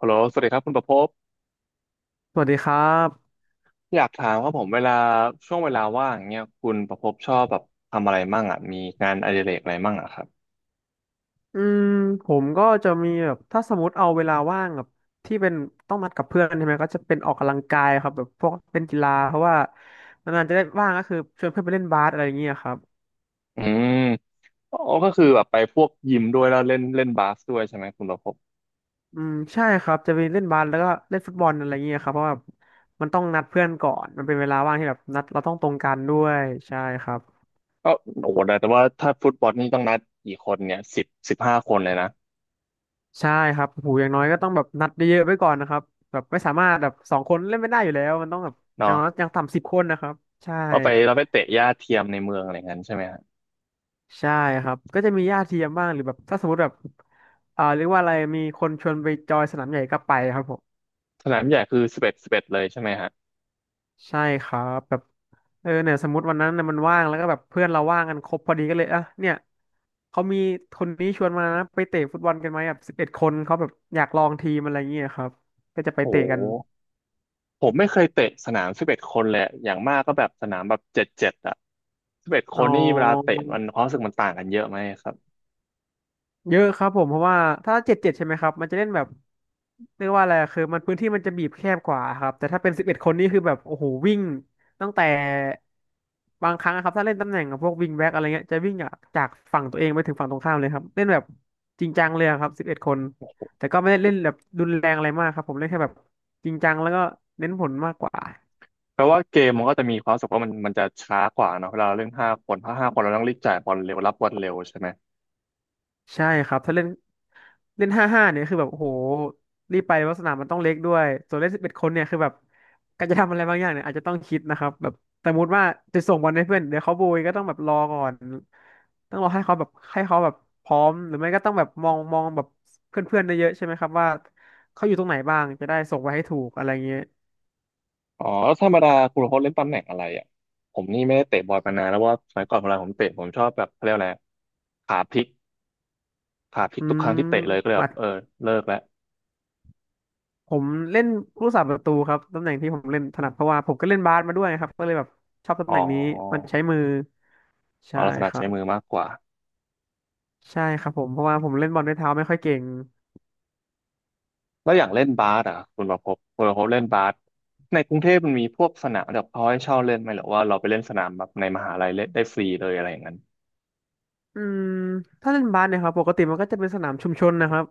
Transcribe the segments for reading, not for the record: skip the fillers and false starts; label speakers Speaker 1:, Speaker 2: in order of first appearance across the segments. Speaker 1: ฮัลโหลสวัสดีครับคุณประภพ
Speaker 2: สวัสดีครับ
Speaker 1: อยากถามครับผมเวลาช่วงเวลาว่างอเงี้ยคุณประภพชอบแบบทำอะไรมั่งอ่ะมีงานอดิเรกอะไรมั่งอ่ะครับ
Speaker 2: อืมผมก็จะมีแบบถ้าสมมติเอาเวลาว่างแบบที่เป็นต้องนัดกับเพื่อนใช่ไหมก็จะเป็นออกกำลังกายครับแบบพวกเป็นกีฬาเพราะว่านานๆจะได้ว่างก็คือชวนเพื่อนไปเล่นบาสอะไรอย่างเงี้ยครับ
Speaker 1: อืมอ๋อก็คือแบบไปพวกยิมด้วยแล้วเล่นเล่นบาสด้วยใช่ไหมคุณประภพ
Speaker 2: อืมใช่ครับจะไปเล่นบาสแล้วก็เล่นฟุตบอลอะไรอย่างเงี้ยครับเพราะว่ามันต้องนัดเพื่อนก่อนมันเป็นเวลาว่างที่แบบนัดเราต้องตรงกันด้วยใช่ครับ
Speaker 1: ก็โอ้โหแต่ว่าถ้าฟุตบอลนี่ต้องนัดกี่คนเนี่ยสิบห้าคนเลยนะ
Speaker 2: ใช่ครับโอ้โหูอย่างน้อยก็ต้องแบบนัดเยอะๆไว้ก่อนนะครับแบบไม่สามารถแบบสองคนเล่นไม่ได้อยู่แล้วมันต้องแบบอย่า
Speaker 1: เนาะ
Speaker 2: งน้อยอย่างต่ำ10 คนนะครับใช่
Speaker 1: เราไปเตะหญ้าเทียมในเมืองอะไรเงี้ยใช่ไหมฮะ
Speaker 2: ใช่ครับก็จะมีญาติเทียมบ้างหรือแบบถ้าสมมติแบบเรียกว่าอะไรมีคนชวนไปจอยสนามใหญ่ก็ไปครับผม
Speaker 1: สนามใหญ่คือสิบเอ็ดเลยใช่ไหมฮะ
Speaker 2: ใช่ครับแบบเออเนี่ยสมมติวันนั้นน่ะมันว่างแล้วก็แบบเพื่อนเราว่างกันครบพอดีก็เลยอ่ะเนี่ยเขามีคนนี้ชวนมานะไปเตะฟุตบอลกันไหมแบบสิบเอ็ดคนเขาแบบอยากลองทีมอะไรเงี้ยครับก็จะไป
Speaker 1: โอ้
Speaker 2: เตะกัน
Speaker 1: โห ผมไม่เคยเตะสนามสิบเอ็ดคนเลยอะอย่างมากก็แบบสนามแบบเจ็ดอะสิบเอ็ดค
Speaker 2: อ๋
Speaker 1: นนี่เวลาเตะ
Speaker 2: อ
Speaker 1: มันความรู้สึกมันต่างกันเยอะไหมครับ
Speaker 2: เยอะครับผมเพราะว่าถ้า7-7ใช่ไหมครับมันจะเล่นแบบเรียกว่าอะไรคือมันพื้นที่มันจะบีบแคบกว่าครับแต่ถ้าเป็นสิบเอ็ดคนนี่คือแบบโอ้โหวิ่งตั้งแต่บางครั้งอะครับถ้าเล่นตำแหน่งกับพวกวิงแบ็กอะไรเงี้ยจะวิ่งจากฝั่งตัวเองไปถึงฝั่งตรงข้ามเลยครับเล่นแบบจริงจังเลยอะครับสิบเอ็ดคนแต่ก็ไม่ได้เล่นแบบรุนแรงอะไรมากครับผมเล่นแค่แบบจริงจังแล้วก็เน้นผลมากกว่า
Speaker 1: เพราะว่าเกมมันก็จะมีความรู้สึกว่ามันจะช้ากว่าเนอะเวลาเราเล่นห้าคนถ้าห้าคนเราต้องรีบจ่ายบอลเร็วรับบอลเร็วใช่ไหม
Speaker 2: ใช่ครับถ้าเล่นเล่น5-5เนี่ยคือแบบโอ้โหรีบไปเพราะสนามมันต้องเล็กด้วยส่วนเล่นสิบเอ็ดคนเนี่ยคือแบบการจะทำอะไรบางอย่างเนี่ยอาจจะต้องคิดนะครับแบบสมมติว่าจะส่งบอลให้เพื่อนเดี๋ยวเขาโบยก็ต้องแบบรอก่อนต้องรอให้เขาแบบให้เขาแบบพร้อมหรือไม่ก็ต้องแบบมองมองแบบเพื่อนๆได้เยอะๆใช่ไหมครับว่าเขาอยู่ตรงไหนบ้างจะได้ส่งไปให้ถูกอะไรเงี้ย
Speaker 1: อ๋อแล้วธรรมดาคุณโค้ชเล่นตำแหน่งอะไรอ่ะผมนี่ไม่ได้เตะบอลมานานแล้วว่าสมัยก่อนเวลาผมเตะผมชอบแบบเขาเรียกอะไรขาพลิกขาพลิ
Speaker 2: อื
Speaker 1: กทุกครั้ง
Speaker 2: ม
Speaker 1: ที่เตะเลยก็เลยแบ
Speaker 2: มา
Speaker 1: บเออเลิกแล้ว
Speaker 2: ผมเล่นผู้สาประตูครับตำแหน่งที่ผมเล่นถนัดเพราะว่าผมก็เล่นบาสมาด้วยครับก็เลยแบบชอบตำ
Speaker 1: อ๋
Speaker 2: แหน่งนี้มัน
Speaker 1: อ
Speaker 2: ใช้มือ
Speaker 1: อ๋อ
Speaker 2: ใช่
Speaker 1: เราถนั
Speaker 2: ค
Speaker 1: ด
Speaker 2: รั
Speaker 1: ใช้
Speaker 2: บ
Speaker 1: มือมากกว่า
Speaker 2: ใช่ครับผมเพราะว่าผมเล่นบอลด้วยเท้าไม่ค่อยเก่ง
Speaker 1: แล้วอย่างเล่นบาสอ่ะคุณประภพบคุณประพบเล่นบาสในกรุงเทพมันมีพวกสนามแบบเขาให้เช่าเล่นไหมหรือว่าเราไปเล่นสนามแบบในมหาลัยเล่นได้ฟรีเลยอะไรอย่างนั้น
Speaker 2: อืมถ้าเล่นบาสเนี่ยครับปกติมันก็จะเป็นสนามชุมชนนะครับ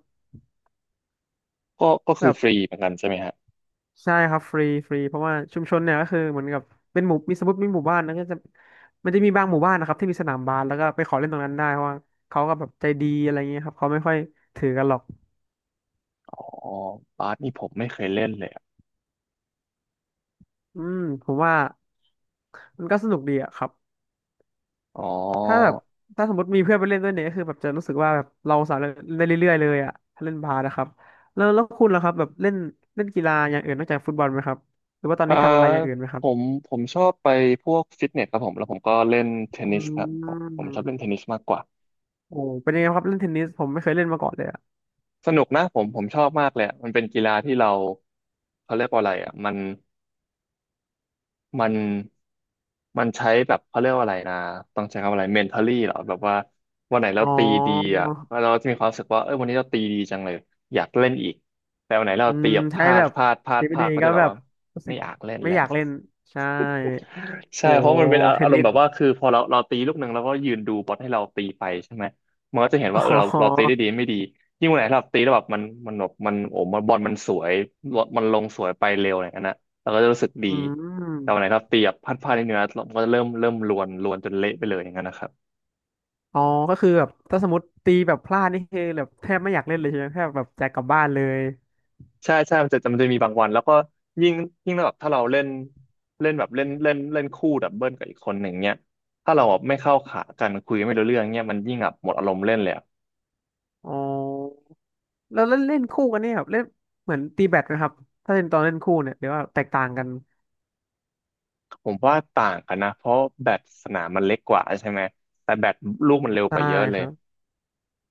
Speaker 1: ก็ก็คือ
Speaker 2: แบบ
Speaker 1: ฟรีเหมือนกันใช่ไหมฮะ
Speaker 2: ใช่ครับฟรีฟรีเพราะว่าชุมชนเนี่ยก็คือเหมือนกับเป็นหมู่มีสมมติมีหมู่บ้านแล้วก็จะมันจะมีบางหมู่บ้านนะครับที่มีสนามบาสแล้วก็ไปขอเล่นตรงนั้นได้เพราะว่าเขาก็แบบใจดีอะไรเงี้ยครับเขาไม่ค่อยถือกันหรอก
Speaker 1: อ๋อบาสนี่ผมไม่เคยเล่นเลยอะ
Speaker 2: อืมผมว่ามันก็สนุกดีอะครับ
Speaker 1: อ๋อ
Speaker 2: ถ้าแบบถ้าสมมติมีเพื่อนไปเล่นด้วยเนี่ยก็คือแบบจะรู้สึกว่าแบบเราสามารถเล่นได้เรื่อยๆเลยอ่ะถ้าเล่นบาสนะครับแล้วคุณล่ะครับแบบเล่นเล่นกีฬาอย่างอื่นนอกจากฟุตบอลไหมครับหรือว่าตอน
Speaker 1: อ่า
Speaker 2: นี้ทำอะไรอย่างอื่นไหมค
Speaker 1: ผ
Speaker 2: รับ
Speaker 1: มผมชอบไปพวกฟิตเนสครับผมแล้วผมก็เล่นเทน
Speaker 2: อื
Speaker 1: นิสครับผมผมช
Speaker 2: ม
Speaker 1: อบเล่นเทนนิสมากกว่า
Speaker 2: โอ้เป็นยังไงครับเล่นเทนนิสผมไม่เคยเล่นมาก่อนเลยอ่ะ
Speaker 1: สนุกนะผมชอบมากเลยอะมันเป็นกีฬาที่เราเขาเรียกว่าอะไรอ่ะมัน มันมันใช้แบบเขาเรียกว่าอะไรนะต้องใช้คำว่าอะไร mentally เหรอแบบว่าวันไหนเรา
Speaker 2: อ๋อ
Speaker 1: ตีดีอ่ะเราจะมีความรู้สึกว่าเออวันนี้เราตีดีจังเลยอยากเล่นอีกแต่วันไหนเรา
Speaker 2: อื
Speaker 1: ตี
Speaker 2: ม
Speaker 1: แบบพ
Speaker 2: ใช้
Speaker 1: ลาด
Speaker 2: แบบ
Speaker 1: พลาดพลาด
Speaker 2: ดี
Speaker 1: พ
Speaker 2: ไม่
Speaker 1: ลา
Speaker 2: ดี
Speaker 1: ดก็
Speaker 2: ก็
Speaker 1: จะแบ
Speaker 2: แบ
Speaker 1: บ
Speaker 2: บ
Speaker 1: ว่า
Speaker 2: รู้สึ
Speaker 1: ไม่
Speaker 2: ก
Speaker 1: อยากเล่น
Speaker 2: ไม่
Speaker 1: แล้ว
Speaker 2: อยากเล่นใช่
Speaker 1: ใช่
Speaker 2: โห
Speaker 1: เพราะมันเป็นอา
Speaker 2: เท
Speaker 1: อา
Speaker 2: น
Speaker 1: รม
Speaker 2: นิ
Speaker 1: ณ์
Speaker 2: ส
Speaker 1: แบบว่าคือพอเราตีลูกหนึ่งแล้วก็ยืนดูบอทให้เราตีไปใช่ไหมมันก็จะเห็น
Speaker 2: อ๋
Speaker 1: ว่าเออเราตี
Speaker 2: อ
Speaker 1: ได้ดีไม่ดียิ่งวันไหนเราตีแล้วแบบมันโอ้บอลมันสวยมันลงสวยไปเร็วอะไรอย่างนั้นนะเราก็จะรู้สึกดี
Speaker 2: อืม
Speaker 1: แต่วันไหนเราตีแบบพลาดนิดนึงนะมันก็จะเริ่มลวนจนเละไปเลยอย่างนั้นนะครับ
Speaker 2: อ๋อก็คือแบบถ้าสมมติตีแบบพลาดนี่คือแบบแทบไม่อยากเล่นเลยใช่ไหมแทบแบบจะกลับบ้านเลย
Speaker 1: ใช่ใช่มันจะมีบางวันแล้วก็ยิ่งยิ่งแบบถ้าเราเล่นเล่นแบบเล่นเล่นเล่นคู่ดับเบิลกับอีกคนหนึ่งเนี้ยถ้าเราแบบไม่เข้าขากันคุยไม่รู้เรื่องเนี้ยมันยิ่งแบบหมดอารมณ์เล่นเลย
Speaker 2: อ๋อแล้วเล่นเล่นคู่กันเนี่ยครับเล่นเหมือนตีแบดนะครับถ้าเล่นตอนเล่นคู่เนี่ยหรือว่าแตกต่างกัน
Speaker 1: ผมว่าต่างกันนะเพราะแบตสนามมันเล็กกว่าใช่ไหมแต่แบตลูกมันเร็วก
Speaker 2: ใช่
Speaker 1: ว่าเยอะเล
Speaker 2: ค
Speaker 1: ย
Speaker 2: รับ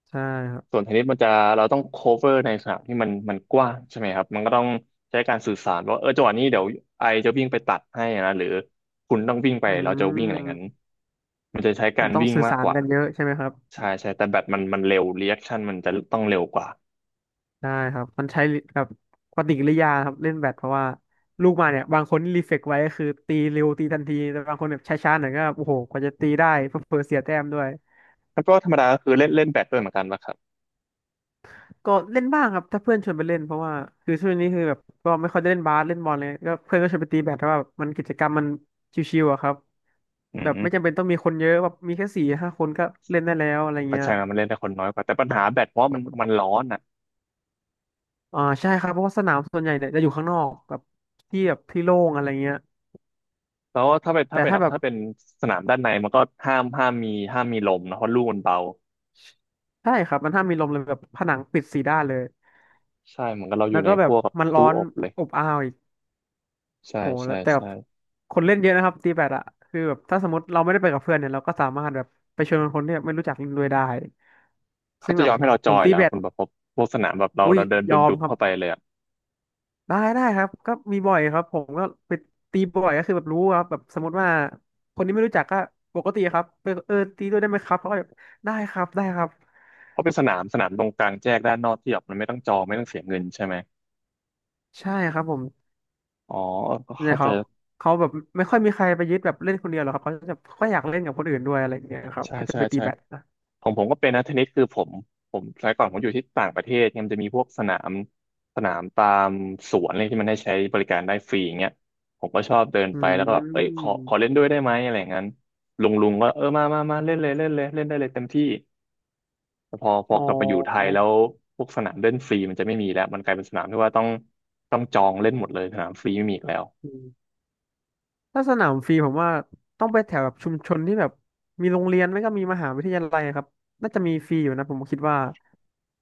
Speaker 2: ใช่ครั
Speaker 1: ส่
Speaker 2: บ
Speaker 1: วนเทนนิสมันจะเราต้อง cover ในสนามที่มันกว้างใช่ไหมครับมันก็ต้องใช้การสื่อสารว่าเออจังหวะนี้เดี๋ยวไอจะวิ่งไปตัดให้นะหรือคุณต้องวิ่งไป
Speaker 2: อื
Speaker 1: เราจะวิ่งอะไรงั้น
Speaker 2: ม
Speaker 1: มันจะใช้กา
Speaker 2: มัน
Speaker 1: ร
Speaker 2: ต้อง
Speaker 1: วิ่ง
Speaker 2: สื่อ
Speaker 1: มาก
Speaker 2: สา
Speaker 1: ก
Speaker 2: ร
Speaker 1: ว่า
Speaker 2: กันเยอะใช่ไหมครับ
Speaker 1: ใช่ใช่แต่แบตมันเร็วรีแอคชั่นมันจะต้องเร็วกว่า
Speaker 2: ได้ครับมันใช้แบบปฏิกิริยาครับเล่นแบดเพราะว่าลูกมาเนี่ยบางคนรีเฟกไว้ก็คือตีเร็วตีทันทีแต่บางคนแบบช้าๆหน่อยก็โอ้โหกว่าจะตีได้เผลอๆเสียแต้มด้วย
Speaker 1: แล้วก็ธรรมดาก็คือเล่นเล่นแบดด้วยเหมือนกันป่ะครับ
Speaker 2: ก็เล่นบ้างครับถ้าเพื่อนชวนไปเล่นเพราะว่าคือช่วงนี้คือแบบก็ไม่ค่อยได้เล่นบาสเล่นบอลเลยก็เพื่อนก็ชวนไปตีแบดแต่ว่าแบบมันกิจกรรมมันชิวๆอะครับ
Speaker 1: อื
Speaker 2: แบบไม่จำ
Speaker 1: ม
Speaker 2: เป็นต้องมีคนเยอะแบบมีแค่สี่ห้าคนก็เล่นได้แล้วอะไร
Speaker 1: ก็
Speaker 2: เงี้ย
Speaker 1: ใช่นะมันเล่นได้คนน้อยกว่าแต่ปัญหาแบดเพราะมันร้อนอ่ะ
Speaker 2: อ่าใช่ครับเพราะว่าสนามส่วนใหญ่เนี่ยจะอยู่ข้างนอกแบบที่แบบที่โล่งอะไรเงี้ย
Speaker 1: แล้วถ้าเป็น
Speaker 2: แต่
Speaker 1: ถ้าเป็น
Speaker 2: ถ้า
Speaker 1: แบบ
Speaker 2: แบบ
Speaker 1: ถ้าเป็นสนามด้านในมันก็ห้ามมีลมนะเพราะลูกมันเบา
Speaker 2: ใช่ครับมันห้ามมีลมเลยแบบผนังปิดสี่ด้านเลย
Speaker 1: ใช่เหมือนกับเราอ
Speaker 2: แล้
Speaker 1: ยู่
Speaker 2: ว
Speaker 1: ใน
Speaker 2: ก็แบ
Speaker 1: พ
Speaker 2: บ
Speaker 1: วกกับ
Speaker 2: มันร้
Speaker 1: ตู้
Speaker 2: อน
Speaker 1: อบเลย
Speaker 2: อบอ้าวอีก
Speaker 1: ใช่
Speaker 2: โหแล้
Speaker 1: ใช่
Speaker 2: วแต่แบ
Speaker 1: ใช่
Speaker 2: บคนเล่นเยอะนะครับตีแบดอะคือแบบถ้าสมมติเราไม่ได้ไปกับเพื่อนเนี่ยเราก็สามารถแบบไปชวนคนที่แบบไม่รู้จักเล่นด้วยได้
Speaker 1: เขา
Speaker 2: ซึ่ง
Speaker 1: จะ
Speaker 2: แบ
Speaker 1: ย
Speaker 2: บ
Speaker 1: อมให้เรา
Speaker 2: ผ
Speaker 1: จอ
Speaker 2: ม
Speaker 1: ย
Speaker 2: ตี
Speaker 1: แล้ว
Speaker 2: แบด
Speaker 1: คุณประพบพวกสนามแบบเรา
Speaker 2: อุ้ย
Speaker 1: เราเดิน
Speaker 2: ยอม
Speaker 1: ดุ่ม
Speaker 2: ค
Speaker 1: ๆ
Speaker 2: รับ
Speaker 1: เข้าไปเลยอ่ะ
Speaker 2: ได้ได้ครับก็มีบ่อยครับผมก็ไปตีบ่อยก็คือแบบรู้ครับแบบสมมติว่าคนที่ไม่รู้จักก็ปกติครับไปตีด้วยได้ไหมครับเขาก็แบบได้ครับได้ครับ
Speaker 1: เพราะเป็นสนามตรงกลางแจ้งด้านนอกที่แบบมันไม่ต้องจองไม่ต้องเสียเงินใช่ไหม
Speaker 2: ใช่ครับผม
Speaker 1: อ๋อ
Speaker 2: เนี่
Speaker 1: เข้า
Speaker 2: ย
Speaker 1: ใจ
Speaker 2: เขาแบบไม่ค่อยมีใครไปยึดแบบเล่นคนเดียวหรอกครับเขาจะค่อยอยากเล่นกับคนอื่นด้วยอะไรอย่างเงี้ยครับ
Speaker 1: ใช่
Speaker 2: ถ้าจะ
Speaker 1: ใช่
Speaker 2: ไปตี
Speaker 1: ใช่
Speaker 2: แบดนะ
Speaker 1: ของผมก็เป็นนะเทนนิสคือผมสมัยก่อนผมอยู่ที่ต่างประเทศเนี่ยมันจะมีพวกสนามตามสวนอะไรที่มันให้ใช้บริการได้ฟรีอย่างเงี้ยผมก็ชอบเดิน
Speaker 2: อ
Speaker 1: ไปแล้วก็แบบ
Speaker 2: ื
Speaker 1: เอ้ยขอเล่
Speaker 2: ม
Speaker 1: นด้วยได้ไหมอะไรอย่างนั้นลุงก็เออมาเล่นเลยเล่นเลยเล่นได้เลยเต็มที่แต่พอ
Speaker 2: อ๋
Speaker 1: กลับมาอยู่ไทย
Speaker 2: อ
Speaker 1: แล้วพวกสนามเล่นฟรีมันจะไม่มีแล้วมันกลายเป็นสนามที่ว่าต้องจองเล่นหมดเลยสนามฟรีไม่มีอีกแล้ว
Speaker 2: อืมถ้าสนามฟรีผมว่าต้องไปแถวแบบชุมชนที่แบบมีโรงเรียนไม่ก็มีมหาวิทยาลัยครับน่าจะมีฟรีอยู่นะผมคิดว่า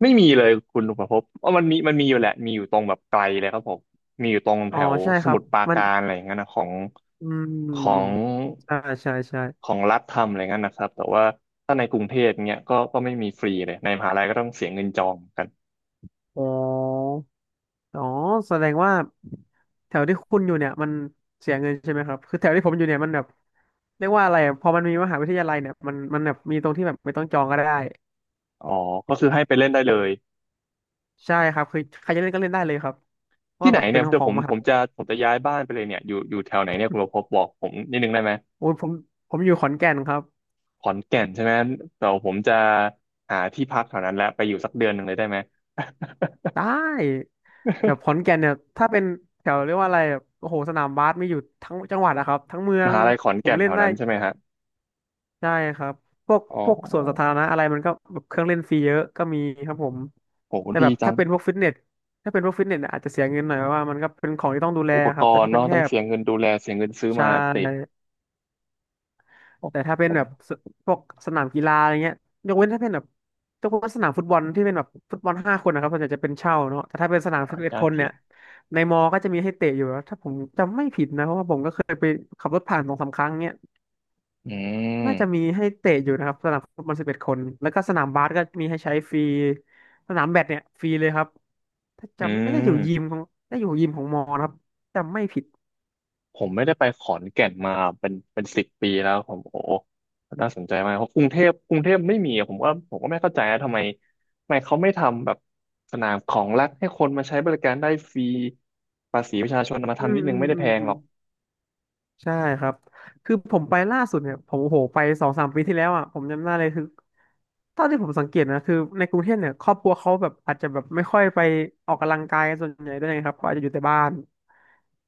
Speaker 1: ไม่มีเลยคุณลุงประพบว่ามันมีอยู่แหละมีอยู่ตรงแบบไกลเลยครับผมมีอยู่ตรง
Speaker 2: อ๋
Speaker 1: แถ
Speaker 2: อ
Speaker 1: ว
Speaker 2: ใช่
Speaker 1: ส
Speaker 2: ครั
Speaker 1: มุ
Speaker 2: บ
Speaker 1: ทรปรา
Speaker 2: มัน
Speaker 1: การอะไรอย่างเงี้ยนะของ
Speaker 2: อื
Speaker 1: ของ
Speaker 2: มใช่ใช่ใช่
Speaker 1: ของรัฐทำอะไรเงี้ยนะครับแต่ว่าถ้าในกรุงเทพเนี้ยก็ไม่มีฟรีเลยในมหาลัยก็ต้องเสียเงินจองกัน
Speaker 2: อ๋ออ๋อแสดงว่าแถวที่คุณอยู่เนี่ยมันเสียเงินใช่ไหมครับคือแถวที่ผมอยู่เนี่ยมันแบบเรียกว่าอะไรอะพอมันมีมหาวิทยาลัยเนี่ยมันแบบมีตรงที่แบบไม่ต้องจองก็ได้
Speaker 1: อ๋อก็คือให้ไปเล่นได้เลย
Speaker 2: ใช่ครับคือใครจะเล่นก็เล่นได้เลยครับเพราะ
Speaker 1: ที่
Speaker 2: ว่า
Speaker 1: ไหน
Speaker 2: แบบเป็
Speaker 1: เนี่
Speaker 2: น
Speaker 1: ยเดี๋ย
Speaker 2: ข
Speaker 1: ว
Speaker 2: อ
Speaker 1: ผ
Speaker 2: ง
Speaker 1: ม
Speaker 2: ม
Speaker 1: ผ
Speaker 2: หา
Speaker 1: มจะผมจะย้ายบ้านไปเลยเนี่ยอยู่แถวไหนเนี่ยคุณประพบบอกผมนิดนึงได้ไหม
Speaker 2: โอ้ยผมอยู่ขอนแก่นครับ
Speaker 1: ขอนแก่นใช่ไหมแต่ผมจะหาที่พักแถวนั้นแล้วไปอยู่สักเดือนหนึ่งเลยได้ไหม
Speaker 2: ได้แบบขอนแก่นเนี่ยถ้าเป็นแถวเรียกว่าอะไรแบบโอ้โหสนามบาสมีอยู่ทั้งจังหวัดนะครับทั้งเมือ
Speaker 1: ม
Speaker 2: ง
Speaker 1: หาลัยขอน
Speaker 2: ผม
Speaker 1: แก่น
Speaker 2: เล่
Speaker 1: แถ
Speaker 2: น
Speaker 1: ว
Speaker 2: ได้
Speaker 1: นั้นใช่ไหมฮะ
Speaker 2: ใช่ครับพวก
Speaker 1: อ๋
Speaker 2: พวกสวนสาธาร
Speaker 1: อ
Speaker 2: ณะอะไรมันก็แบบเครื่องเล่นฟรีเยอะก็มีครับผม
Speaker 1: โห
Speaker 2: แต่แบ
Speaker 1: ดี
Speaker 2: บ
Speaker 1: จั
Speaker 2: ถ้า
Speaker 1: ง
Speaker 2: เป็นพวกฟิตเนสถ้าเป็นพวกฟิตเนสเนี่ยอาจจะเสียเงินหน่อยเพราะว่ามันก็เป็นของที่ต้องดูแล
Speaker 1: อุป
Speaker 2: ค
Speaker 1: ก
Speaker 2: รับแต่
Speaker 1: รณ์
Speaker 2: ถ้าเป็น
Speaker 1: เนาะต้อ
Speaker 2: แค่
Speaker 1: งเสียเงินดูแลเสียเงินซื้อ
Speaker 2: ใช่
Speaker 1: มาติดโอ้
Speaker 2: แต่ถ้าเป็
Speaker 1: ผ
Speaker 2: น
Speaker 1: ม
Speaker 2: แบบสพวกสนามกีฬาอะไรเงี้ยยกเว้นถ้าเป็นแบบยกเว้นสนามฟุตบอลที่เป็นแบบฟุตบอลห้าคนนะครับส่วนใหญ่จะเป็นเช่าเนาะแต่ถ้าเป็นสนาม
Speaker 1: เดี๋ย
Speaker 2: สิ
Speaker 1: ว
Speaker 2: บเอ็ด
Speaker 1: จะ
Speaker 2: คน
Speaker 1: เี
Speaker 2: เนี่ย
Speaker 1: ย
Speaker 2: ในมอก็จะมีให้เตะอยู่แล้วถ้าผมจำไม่ผิดนะเพราะว่าผมก็เคยไปขับรถผ่านสองสามครั้งเนี่ย
Speaker 1: อื
Speaker 2: น่าจะมี
Speaker 1: ม
Speaker 2: ให้เตะอยู่นะครับสนามฟุตบอลสิบเอ็ดคนแล้วก็สนามบาสก็มีให้ใช้ฟรีสนามแบดเนี่ยฟรีเลยครับถ้า
Speaker 1: อื
Speaker 2: จำน่าจะอยู่ยิม
Speaker 1: ม
Speaker 2: ของน่าจะอยู่ยิมของมอนะครับจำไม่ผิด
Speaker 1: ผมไม่ได้ไปขอนแก่นมาเป็น10 ปีแล้วผมโอ้น่าสนใจมากเพราะกรุงเทพไม่มีอะผมว่าผมก็ไม่เข้าใจนะทำไมเขาไม่ทำแบบสนามของรัฐให้คนมาใช้บริการได้ฟรีภาษีประชาชนเอามา
Speaker 2: อื
Speaker 1: ทำนิ
Speaker 2: ม
Speaker 1: ดนึงไม่ได้
Speaker 2: อื
Speaker 1: แพ
Speaker 2: ม
Speaker 1: ง
Speaker 2: อื
Speaker 1: หร
Speaker 2: ม
Speaker 1: อก
Speaker 2: ใช่ครับคือผมไปล่าสุดเนี่ยผมโอ้โหไปสองสามปีที่แล้วอ่ะผมจำได้เลยคือเท่าที่ผมสังเกตนะคือในกรุงเทพเนี่ยครอบครัวเขาแบบอาจจะแบบไม่ค่อยไปออกกำลังกายส่วนใหญ่ด้วยนะครับเขาอาจจะอยู่แต่บ้าน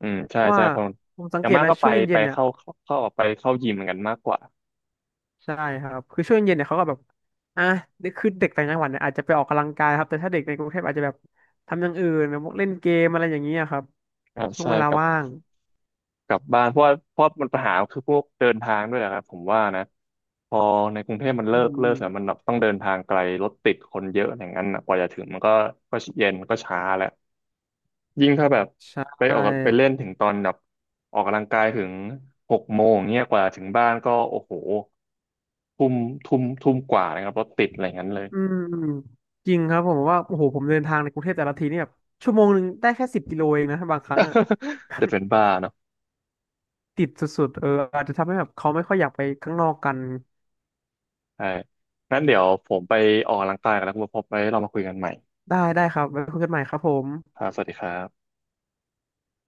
Speaker 1: อืมใช่
Speaker 2: ว่า
Speaker 1: ใช่คน
Speaker 2: ผมสั
Speaker 1: อ
Speaker 2: ง
Speaker 1: ย่า
Speaker 2: เก
Speaker 1: ง
Speaker 2: ต
Speaker 1: มาก
Speaker 2: นะ
Speaker 1: ก็ไป
Speaker 2: ช่วง
Speaker 1: ไป
Speaker 2: เย็นๆเนี่ย
Speaker 1: เข้าออกไปเข้ายิมเหมือนกันมากกว่า
Speaker 2: ใช่ครับคือช่วงเย็นๆเนี่ยเขาก็แบบอ่ะคือเด็กต่างจังหวัดเนี่ยอาจจะไปออกกำลังกายครับแต่ถ้าเด็กในกรุงเทพอาจจะแบบทำอย่างอื่นแบบพวกเล่นเกมอะไรอย่างเงี้ยครับ
Speaker 1: อ่า
Speaker 2: ช่วง
Speaker 1: ใช่
Speaker 2: เวลา
Speaker 1: กับ
Speaker 2: ว่าง
Speaker 1: กลับบ้านเพราะว่าเพราะมันปัญหาคือพวกเดินทางด้วยแหละครับผมว่านะพอในกรุงเทพมันเลิ
Speaker 2: อื
Speaker 1: กเลิก
Speaker 2: ม
Speaker 1: แล้วมันต้องเดินทางไกลรถติดคนเยอะอย่างนั้นน่ะกว่าจะถึงมันก็เย็นก็ช้าแล้วยิ่งถ้าแบบ
Speaker 2: ๆใช่
Speaker 1: ไปออกไปเล่นถึงตอนแบบออกกำลังกายถึง6 โมงเนี่ยกว่าถึงบ้านก็โอ้โหทุ่มทุ่มกว่านะครับรถติดอะไรอย่างนั้นเลย
Speaker 2: อืมจริงครับผมว่าโอ้โหผมเดินทางในกรุงเทพแต่ละทีนี่แบบชั่วโมงหนึ่งได้แค่10 กิโลเองนะบางครั้งอ่ะ
Speaker 1: จะเป็นบ้าเนาะ
Speaker 2: ติดสุดๆเอออาจจะทำให้แบบเขาไม่ค่อยอยากไปข้างนอกกัน
Speaker 1: ใช่งั้นเดี๋ยวผมไปออกกำลังกายกันแล้วคุณพบไว้เรามาคุยกันใหม่
Speaker 2: ได้ได้ครับไว้คุยกันใหม่ครับผม
Speaker 1: ครับสวัสดีครับ